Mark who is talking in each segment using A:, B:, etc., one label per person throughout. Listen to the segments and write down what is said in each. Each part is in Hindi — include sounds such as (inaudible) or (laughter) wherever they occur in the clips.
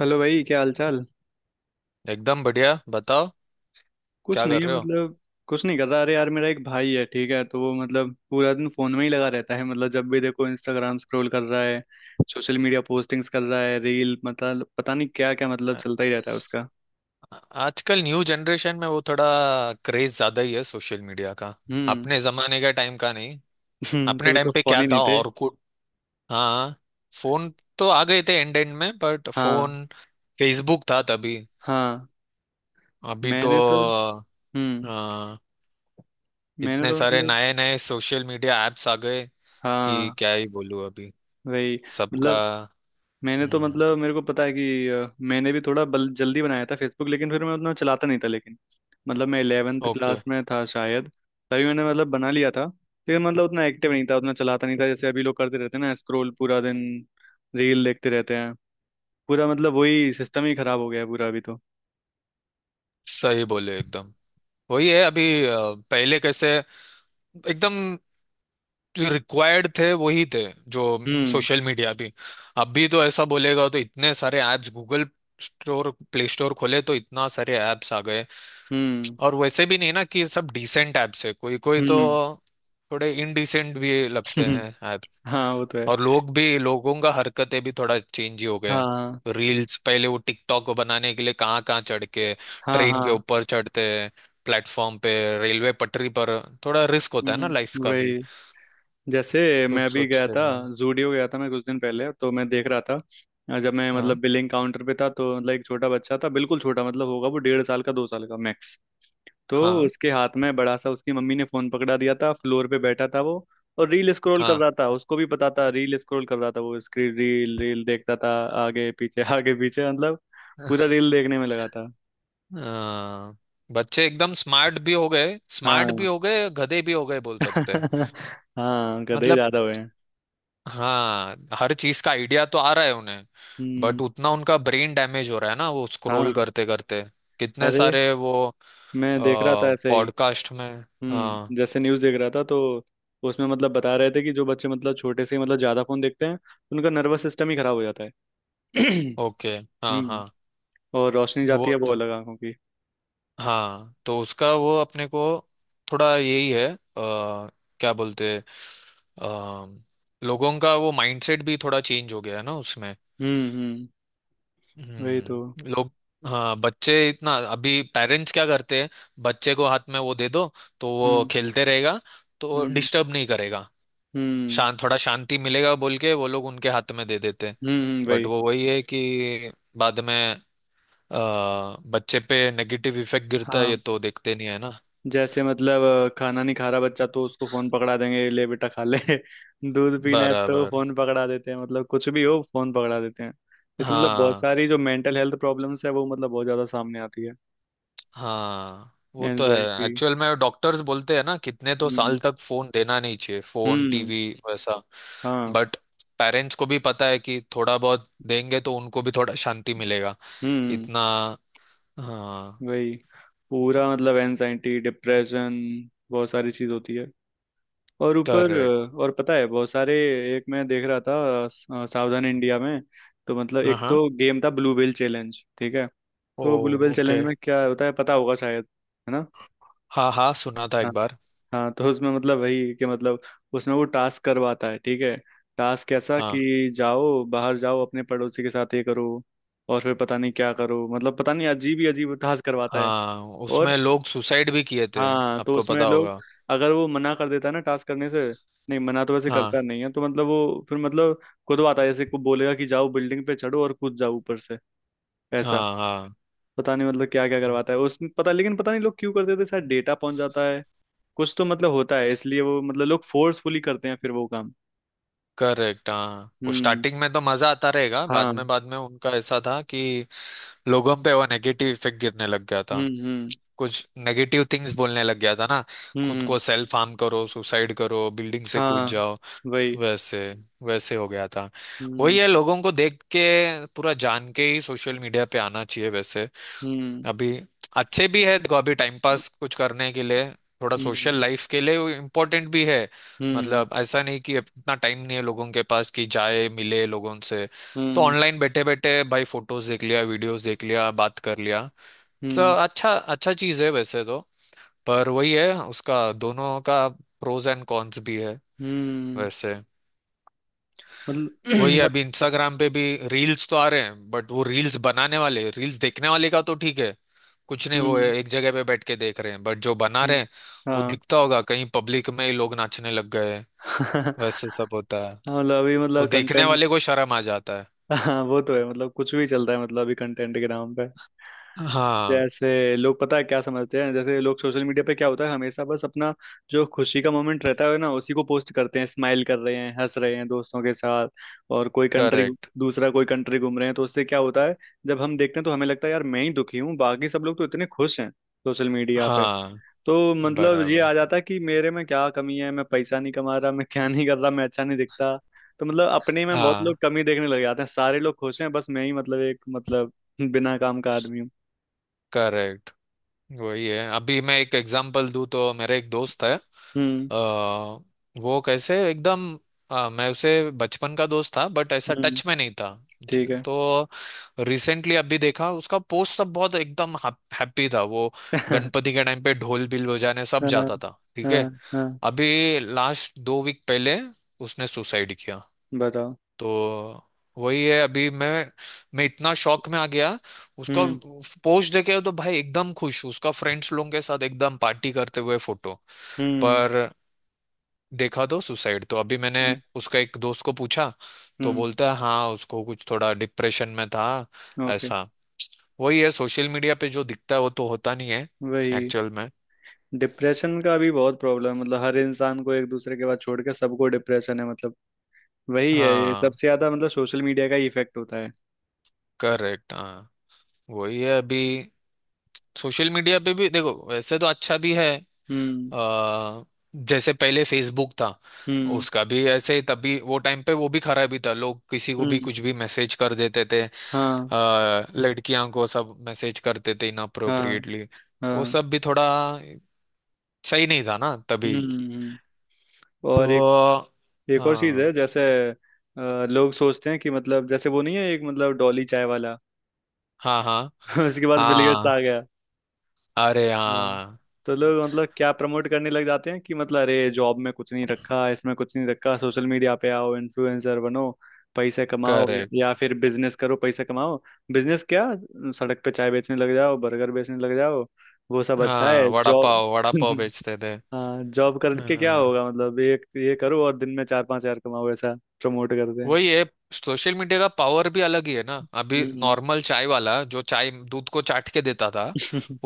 A: हेलो भाई, क्या हाल चाल?
B: एकदम बढ़िया। बताओ
A: कुछ
B: क्या
A: नहीं
B: कर
A: है
B: रहे हो।
A: मतलब। कुछ नहीं कर रहा। अरे यार, मेरा एक भाई है, ठीक है? तो वो मतलब पूरा दिन फोन में ही लगा रहता है, मतलब जब भी देखो इंस्टाग्राम स्क्रॉल कर रहा है, सोशल मीडिया पोस्टिंग्स कर रहा है, रील, मतलब पता नहीं क्या क्या, मतलब
B: आ-
A: चलता ही रहता है उसका।
B: आजकल न्यू जनरेशन में वो थोड़ा क्रेज ज्यादा ही है सोशल मीडिया का।
A: हम्म।
B: अपने जमाने के टाइम का नहीं।
A: (laughs)
B: अपने
A: तभी तो
B: टाइम पे
A: फोन
B: क्या
A: ही
B: था
A: नहीं थे।
B: और कुछ। हाँ, फोन तो आ गए थे एंड एंड में, बट
A: हाँ।
B: फोन, फेसबुक था तभी।
A: हाँ।
B: अभी तो
A: मैंने तो हम्म
B: हाँ
A: मैंने
B: इतने
A: तो
B: सारे
A: मतलब
B: नए नए सोशल मीडिया एप्स आ गए कि
A: हाँ।
B: क्या ही बोलूं अभी
A: वही।
B: सबका।
A: मतलब मैंने तो
B: हम्म।
A: मतलब मेरे को पता है कि मैंने भी थोड़ा बल जल्दी बनाया था फेसबुक, लेकिन फिर मैं उतना चलाता नहीं था, लेकिन मतलब मैं 11th
B: ओके।
A: क्लास में था शायद। तभी मैंने मतलब बना लिया था, लेकिन मतलब उतना एक्टिव नहीं था, उतना चलाता नहीं था जैसे अभी लोग करते रहते हैं ना, स्क्रॉल पूरा दिन, रील देखते रहते हैं। पूरा मतलब वही सिस्टम ही खराब हो गया है पूरा अभी तो।
B: सही बोले एकदम। वही है अभी। पहले कैसे एकदम रिक्वायर्ड थे वही थे जो
A: हम्म।
B: सोशल मीडिया भी। अभी तो ऐसा बोलेगा तो इतने सारे apps Google store play store खोले तो इतना सारे ऐप्स आ गए।
A: हम्म।
B: और वैसे भी नहीं ना कि सब डिसेंट ऐप्स है, कोई कोई तो
A: हम्म।
B: थोड़े इनडिसेंट भी लगते हैं
A: (laughs)
B: ऐप।
A: हाँ, वो तो है।
B: और लोग भी, लोगों का हरकतें भी थोड़ा चेंज ही हो गए।
A: हाँ।
B: रील्स पहले वो टिकटॉक को बनाने के लिए कहाँ कहाँ चढ़ के,
A: हाँ।
B: ट्रेन के
A: हाँ।
B: ऊपर चढ़ते हैं, प्लेटफॉर्म पे, रेलवे पटरी पर। थोड़ा रिस्क होता है ना लाइफ
A: हम्म।
B: का भी।
A: वही। जैसे मैं
B: कुछ
A: अभी गया
B: सोचते
A: था,
B: नहीं।
A: जूडियो गया था मैं कुछ दिन पहले, तो मैं देख रहा था, जब मैं मतलब
B: हाँ।
A: बिलिंग काउंटर पे था, तो मतलब एक छोटा बच्चा था, बिल्कुल छोटा, मतलब होगा वो 1.5 साल का, 2 साल का मैक्स। तो
B: हाँ।
A: उसके हाथ में बड़ा सा, उसकी मम्मी ने फोन पकड़ा दिया था, फ्लोर पे बैठा था वो, और रील स्क्रॉल कर
B: हाँ।
A: रहा था। उसको भी पता था, रील स्क्रॉल कर रहा था वो, स्क्रीन रील रील देखता था, आगे पीछे आगे पीछे, मतलब पूरा रील देखने में लगा था।
B: अ, बच्चे एकदम स्मार्ट भी हो गए, स्मार्ट भी
A: हाँ।
B: हो गए गधे भी हो गए बोल सकते हैं।
A: (laughs) हाँ, गधे
B: मतलब,
A: ज्यादा हुए हैं।
B: हाँ हर चीज का आइडिया तो आ रहा है उन्हें, बट
A: हम्म।
B: उतना उनका ब्रेन डैमेज हो रहा है ना वो स्क्रॉल
A: हाँ।
B: करते करते, कितने
A: अरे,
B: सारे वो
A: मैं देख रहा था ऐसे ही।
B: पॉडकास्ट में। हाँ।
A: जैसे न्यूज़ देख रहा था, तो उसमें मतलब बता रहे थे कि जो बच्चे मतलब छोटे से ही मतलब ज़्यादा फ़ोन देखते हैं, उनका नर्वस सिस्टम ही ख़राब हो जाता है। (clears throat)
B: ओके। हाँ हाँ।
A: हम्म। और रोशनी जाती
B: वो
A: है वो
B: तो
A: अलग, आंखों की।
B: हाँ, तो उसका वो अपने को थोड़ा यही है। क्या बोलते हैं, लोगों का वो माइंडसेट भी थोड़ा चेंज हो गया है ना उसमें।
A: हम्म। हम्म। वही तो।
B: हम्म। लोग हाँ, बच्चे इतना, अभी पेरेंट्स क्या करते हैं, बच्चे को हाथ में वो दे दो तो वो
A: हम्म।
B: खेलते रहेगा, तो
A: हम्म।
B: डिस्टर्ब नहीं करेगा,
A: हम्म।
B: शांत, थोड़ा शांति मिलेगा बोल के वो लोग उनके हाथ में दे देते हैं।
A: हम्म।
B: बट
A: वही।
B: वो वही है कि बाद में अ, बच्चे पे नेगेटिव इफेक्ट गिरता है ये
A: हाँ।
B: तो देखते नहीं है ना।
A: जैसे मतलब खाना नहीं खा रहा बच्चा तो उसको फ़ोन पकड़ा देंगे, ले बेटा खा ले। (laughs) दूध पीना है तो
B: बराबर।
A: फ़ोन पकड़ा देते हैं, मतलब कुछ भी हो फ़ोन पकड़ा देते हैं। इससे मतलब बहुत
B: हाँ
A: सारी जो मेंटल हेल्थ प्रॉब्लम्स है, वो मतलब बहुत ज़्यादा सामने आती है।
B: हाँ, वो तो है,
A: एनजाइटी।
B: एक्चुअल में डॉक्टर्स बोलते हैं ना कितने तो साल तक फोन देना नहीं चाहिए, फोन
A: हम्म।
B: टीवी वैसा।
A: हाँ।
B: बट पेरेंट्स को भी पता है कि थोड़ा बहुत देंगे तो उनको भी थोड़ा शांति मिलेगा
A: हम्म।
B: इतना। हाँ।
A: वही। पूरा मतलब एनजाइटी, डिप्रेशन, बहुत सारी चीज होती है। और ऊपर,
B: करेक्ट।
A: और पता है बहुत सारे, एक मैं देख रहा था सावधान इंडिया में। तो मतलब
B: हाँ
A: एक
B: हाँ।
A: तो गेम था ब्लू व्हेल चैलेंज, ठीक है?
B: ओ।
A: तो ब्लू व्हेल
B: ओके।
A: चैलेंज में क्या होता है पता होगा शायद, है ना?
B: हाँ हाँ, सुना था एक बार।
A: हाँ। तो उसमें मतलब वही कि मतलब उसमें वो टास्क करवाता है, ठीक है? टास्क कैसा
B: हाँ।
A: कि जाओ बाहर जाओ, अपने पड़ोसी के साथ ये करो, और फिर पता नहीं क्या करो, मतलब पता नहीं अजीब ही अजीब टास्क करवाता है।
B: हाँ
A: और
B: उसमें लोग सुसाइड भी किए थे,
A: हाँ, तो
B: आपको
A: उसमें
B: पता
A: लोग,
B: होगा।
A: अगर वो मना कर देता है ना टास्क करने से, नहीं मना तो वैसे करता
B: हाँ
A: नहीं है, तो मतलब वो फिर मतलब खुदवाता है, जैसे को बोलेगा कि जाओ बिल्डिंग पे चढ़ो और कूद जाओ ऊपर से, ऐसा।
B: हाँ। हाँ।
A: पता नहीं मतलब क्या क्या करवाता है उसमें, पता, लेकिन पता नहीं लोग क्यों करते थे, शायद डेटा पहुंच जाता है, कुछ तो मतलब होता है, इसलिए वो मतलब लोग फोर्सफुली करते हैं फिर वो काम।
B: करेक्ट। हाँ वो
A: हम्म।
B: स्टार्टिंग में तो मजा आता रहेगा,
A: हाँ।
B: बाद में उनका ऐसा था कि लोगों पे वो नेगेटिव इफेक्ट गिरने लग गया
A: हम्म।
B: था,
A: हम्म।
B: कुछ नेगेटिव थिंग्स बोलने लग गया था ना,
A: हम्म।
B: खुद को सेल्फ हार्म करो, सुसाइड करो, बिल्डिंग से कूद
A: हाँ।
B: जाओ,
A: वही।
B: वैसे वैसे हो गया था। वही
A: हम्म।
B: है लोगों को देख के, पूरा जान के ही सोशल मीडिया पे आना चाहिए वैसे
A: हम्म।
B: अभी। अच्छे भी है, देखो अभी टाइम पास कुछ करने के लिए, थोड़ा सोशल
A: हम्म।
B: लाइफ के लिए वो इम्पोर्टेंट भी है।
A: हम्म।
B: मतलब ऐसा नहीं कि इतना टाइम नहीं है लोगों के पास कि जाए मिले लोगों से, तो
A: हम्म।
B: ऑनलाइन बैठे बैठे भाई फोटोज देख लिया, वीडियोस देख लिया, बात कर लिया, तो
A: हम्म।
B: अच्छा अच्छा चीज है वैसे तो। पर वही है, उसका दोनों का प्रोज एंड कॉन्स भी है
A: हम्म,
B: वैसे।
A: मतलब
B: वही,
A: (clears throat) मत-
B: अभी इंस्टाग्राम पे भी रील्स तो आ रहे हैं, बट वो रील्स बनाने वाले, रील्स देखने वाले का तो ठीक है, कुछ नहीं, वो
A: हम्म।
B: एक जगह पे बैठ के देख रहे हैं, बट जो बना रहे
A: हम्म,
B: हैं वो
A: हाँ।
B: दिखता होगा कहीं पब्लिक में ही लोग नाचने लग गए,
A: (laughs) हाँ,
B: वैसे सब होता है,
A: मतलब अभी
B: वो
A: मतलब
B: देखने
A: कंटेंट,
B: वाले को शर्म आ जाता है।
A: हाँ वो तो है, मतलब कुछ भी चलता है मतलब अभी कंटेंट के नाम पे।
B: हाँ।
A: जैसे लोग पता है क्या समझते हैं, जैसे लोग सोशल मीडिया पे क्या होता है, हमेशा बस अपना जो खुशी का मोमेंट रहता है ना, उसी को पोस्ट करते हैं, स्माइल कर रहे हैं, हंस रहे हैं दोस्तों के साथ, और कोई कंट्री,
B: करेक्ट।
A: दूसरा कोई कंट्री घूम रहे हैं। तो उससे क्या होता है, जब हम देखते हैं, तो हमें लगता है यार मैं ही दुखी हूँ, बाकी सब लोग तो इतने खुश हैं सोशल मीडिया।
B: हाँ।
A: तो मतलब ये
B: बराबर
A: आ जाता कि मेरे में क्या कमी है, मैं पैसा नहीं कमा रहा, मैं क्या नहीं कर रहा, मैं अच्छा नहीं दिखता। तो मतलब अपने में बहुत
B: हाँ।
A: लोग कमी देखने लग जाते हैं, सारे लोग खुश हैं बस मैं ही, मतलब एक मतलब बिना काम का आदमी हूँ।
B: करेक्ट। वही है अभी मैं एक एग्जांपल दूँ तो, मेरा एक दोस्त है,
A: हम्म।
B: अ, वो कैसे एकदम, अ, मैं उसे बचपन का दोस्त था बट ऐसा
A: हम्म।
B: टच में नहीं था।
A: ठीक है।
B: तो रिसेंटली अभी देखा उसका पोस्ट सब, बहुत एकदम हैप्पी था वो,
A: (laughs)
B: गणपति के टाइम पे ढोल बिल बजाने सब
A: हाँ।
B: जाता था, ठीक है।
A: हाँ। हाँ।
B: अभी लास्ट 2 वीक पहले उसने सुसाइड किया।
A: बताओ।
B: तो वही है, अभी मैं इतना शॉक में आ गया, उसका
A: हम्म।
B: पोस्ट देखे तो भाई एकदम खुश उसका फ्रेंड्स लोगों के साथ एकदम पार्टी करते हुए फोटो।
A: हम्म।
B: पर देखा तो सुसाइड, तो अभी मैंने
A: हम्म।
B: उसका एक दोस्त को पूछा तो
A: हम्म।
B: बोलता है हाँ उसको कुछ, थोड़ा डिप्रेशन में था
A: ओके।
B: ऐसा। वही है सोशल मीडिया पे जो दिखता है वो तो होता नहीं है
A: वही।
B: एक्चुअल में।
A: डिप्रेशन का भी बहुत प्रॉब्लम है, मतलब हर इंसान को एक दूसरे के बाद छोड़ के सबको डिप्रेशन है, मतलब वही है, ये
B: हाँ।
A: सबसे ज्यादा मतलब सोशल मीडिया का ही इफेक्ट होता है।
B: करेक्ट। हाँ। वही है अभी सोशल मीडिया पे भी देखो वैसे तो अच्छा भी है।
A: हम्म।
B: आ, जैसे पहले फेसबुक था,
A: हम्म।
B: उसका भी ऐसे ही तभी वो टाइम पे वो भी खराबी था, लोग किसी को भी
A: हम्म।
B: कुछ भी मैसेज कर देते थे,
A: हाँ।
B: लड़कियां को सब मैसेज करते थे
A: हाँ।
B: इनअप्रोप्रिएटली, वो
A: हाँ।
B: सब भी थोड़ा सही नहीं था ना तभी।
A: हम्म। और एक,
B: तो
A: एक और चीज है
B: हाँ।
A: जैसे लोग सोचते हैं कि मतलब जैसे वो नहीं है एक मतलब डॉली चाय वाला।
B: हाँ। हाँ।
A: (laughs) उसके बाद बिल गेट्स
B: हाँ।
A: आ गया।
B: अरे
A: हाँ।
B: हाँ।
A: तो लोग मतलब क्या प्रमोट करने लग जाते हैं कि मतलब अरे जॉब में कुछ नहीं रखा, इसमें कुछ नहीं रखा, सोशल मीडिया पे आओ, इन्फ्लुएंसर बनो, पैसे कमाओ,
B: करेक्ट।
A: या फिर बिजनेस करो पैसे कमाओ। बिजनेस क्या, सड़क पे चाय बेचने लग जाओ, बर्गर बेचने लग जाओ, वो सब अच्छा है,
B: हाँ
A: जॉब।
B: वड़ा पाव
A: (laughs)
B: बेचते थे।
A: हाँ, जॉब करके क्या
B: हाँ
A: होगा, मतलब एक ये करो और दिन में 4-5 हजार कमाओ, ऐसा प्रमोट करते हैं।
B: वही है सोशल मीडिया का पावर भी अलग ही है ना। अभी
A: हम्म।
B: नॉर्मल चाय वाला जो चाय दूध को चाट के देता था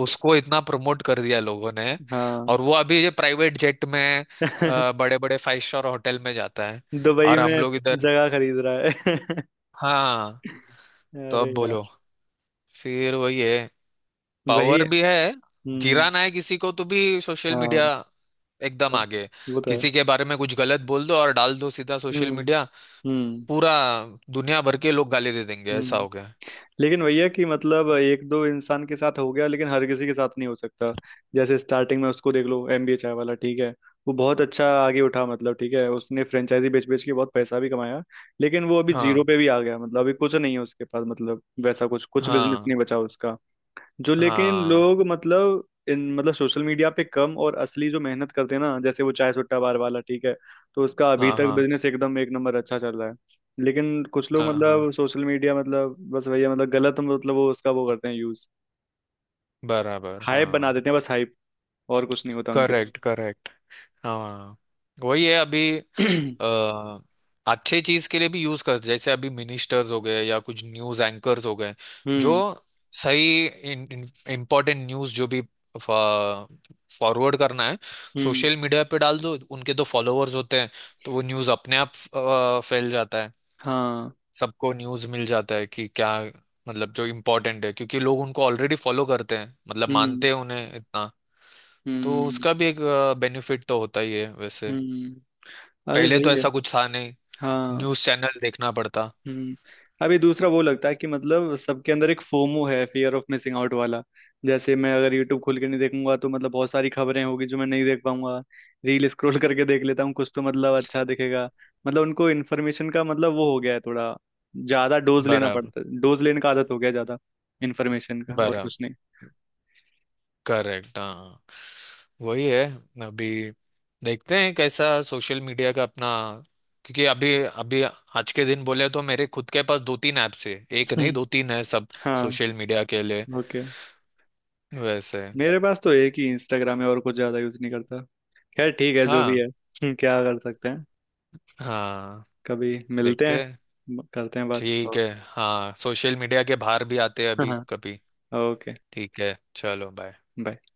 B: उसको इतना प्रमोट कर दिया लोगों ने,
A: (laughs) हाँ।
B: और वो अभी ये प्राइवेट जेट में
A: (laughs)
B: बड़े बड़े 5 स्टार होटल में जाता है,
A: दुबई
B: और हम
A: में
B: लोग इधर।
A: जगह खरीद रहा है। (laughs)
B: हाँ तो
A: अरे
B: अब बोलो।
A: यार।
B: फिर वही है,
A: वही।
B: पावर भी है,
A: हम्म।
B: गिराना है किसी को तो भी सोशल मीडिया
A: हाँ।
B: एकदम
A: हाँ,
B: आगे है।
A: वो तो है।
B: किसी के बारे में कुछ गलत बोल दो और डाल दो सीधा सोशल
A: हम्म।
B: मीडिया,
A: हम्म।
B: पूरा दुनिया भर के लोग गाली दे देंगे, ऐसा
A: हम्म।
B: हो गया है।
A: लेकिन भैया, कि मतलब एक दो इंसान के साथ हो गया, लेकिन हर किसी के साथ नहीं हो सकता। जैसे स्टार्टिंग में उसको देख लो, एमबीए चाय वाला ठीक है, वो बहुत अच्छा आगे उठा, मतलब ठीक है, उसने फ्रेंचाइजी बेच बेच के बहुत पैसा भी कमाया, लेकिन वो अभी जीरो
B: हाँ।
A: पे भी आ गया, मतलब अभी कुछ नहीं है उसके पास, मतलब वैसा कुछ कुछ बिजनेस
B: हाँ
A: नहीं बचा उसका। जो लेकिन
B: हाँ।
A: लोग मतलब इन मतलब सोशल मीडिया पे कम, और असली जो मेहनत करते हैं ना, जैसे वो चाय सुट्टा बार वाला ठीक है, तो उसका अभी
B: हाँ।
A: तक
B: हाँ
A: बिजनेस एकदम एक नंबर अच्छा चल रहा है। लेकिन कुछ लोग
B: हाँ। हाँ
A: मतलब सोशल मीडिया मतलब बस वही है मतलब गलत मतलब वो उसका वो करते हैं यूज,
B: बराबर।
A: हाइप बना
B: हाँ
A: देते हैं, बस हाइप, और कुछ नहीं होता उनके
B: करेक्ट।
A: पास।
B: करेक्ट। हाँ वही है अभी।
A: (clears throat)
B: अ, अच्छे चीज के लिए भी यूज कर, जैसे अभी मिनिस्टर्स हो गए या कुछ न्यूज एंकर्स हो गए जो
A: हम्म।
B: सही इम्पोर्टेंट न्यूज जो भी फॉरवर्ड करना है
A: हम्म।
B: सोशल मीडिया पे डाल दो, उनके तो फॉलोअर्स होते हैं, तो वो न्यूज अपने आप फैल जाता है,
A: हाँ।
B: सबको न्यूज़ मिल जाता है कि क्या, मतलब जो इम्पोर्टेंट है, क्योंकि लोग उनको ऑलरेडी फॉलो करते हैं, मतलब
A: हम्म।
B: मानते हैं उन्हें इतना। तो
A: हम्म।
B: उसका भी एक बेनिफिट तो होता ही है वैसे।
A: हम्म। अभी
B: पहले तो
A: वही है।
B: ऐसा कुछ था नहीं,
A: हाँ।
B: न्यूज़ चैनल देखना पड़ता।
A: हम्म। अभी दूसरा वो लगता है कि मतलब सबके अंदर एक फोमो है, फियर ऑफ मिसिंग आउट वाला। जैसे मैं अगर यूट्यूब खोल के नहीं देखूंगा, तो मतलब बहुत सारी खबरें होगी जो मैं नहीं देख पाऊंगा, रील स्क्रॉल करके देख लेता हूँ, कुछ तो मतलब अच्छा दिखेगा। मतलब उनको इन्फॉर्मेशन का मतलब वो हो गया है थोड़ा, ज्यादा डोज लेना
B: बराबर।
A: पड़ता है, डोज लेने का आदत हो गया है, ज्यादा इन्फॉर्मेशन का, और
B: बराबर।
A: कुछ नहीं।
B: करेक्ट। हाँ वही है अभी, देखते हैं कैसा सोशल मीडिया का अपना, क्योंकि अभी अभी आज के दिन बोले तो मेरे खुद के पास दो तीन ऐप्स है, एक
A: (laughs)
B: नहीं
A: हम्म,
B: दो तीन है सब
A: हाँ।
B: सोशल मीडिया के लिए
A: ओके।
B: वैसे।
A: मेरे पास तो एक ही इंस्टाग्राम है, और कुछ ज्यादा यूज नहीं करता। खैर ठीक है, जो भी
B: हाँ।
A: है। (laughs) क्या कर सकते हैं।
B: हाँ।
A: कभी मिलते
B: देखते हैं।
A: हैं। करते हैं बात।
B: ठीक है हाँ सोशल मीडिया के बाहर भी आते हैं अभी
A: (laughs)
B: कभी।
A: ओके।
B: ठीक है चलो बाय।
A: बाय।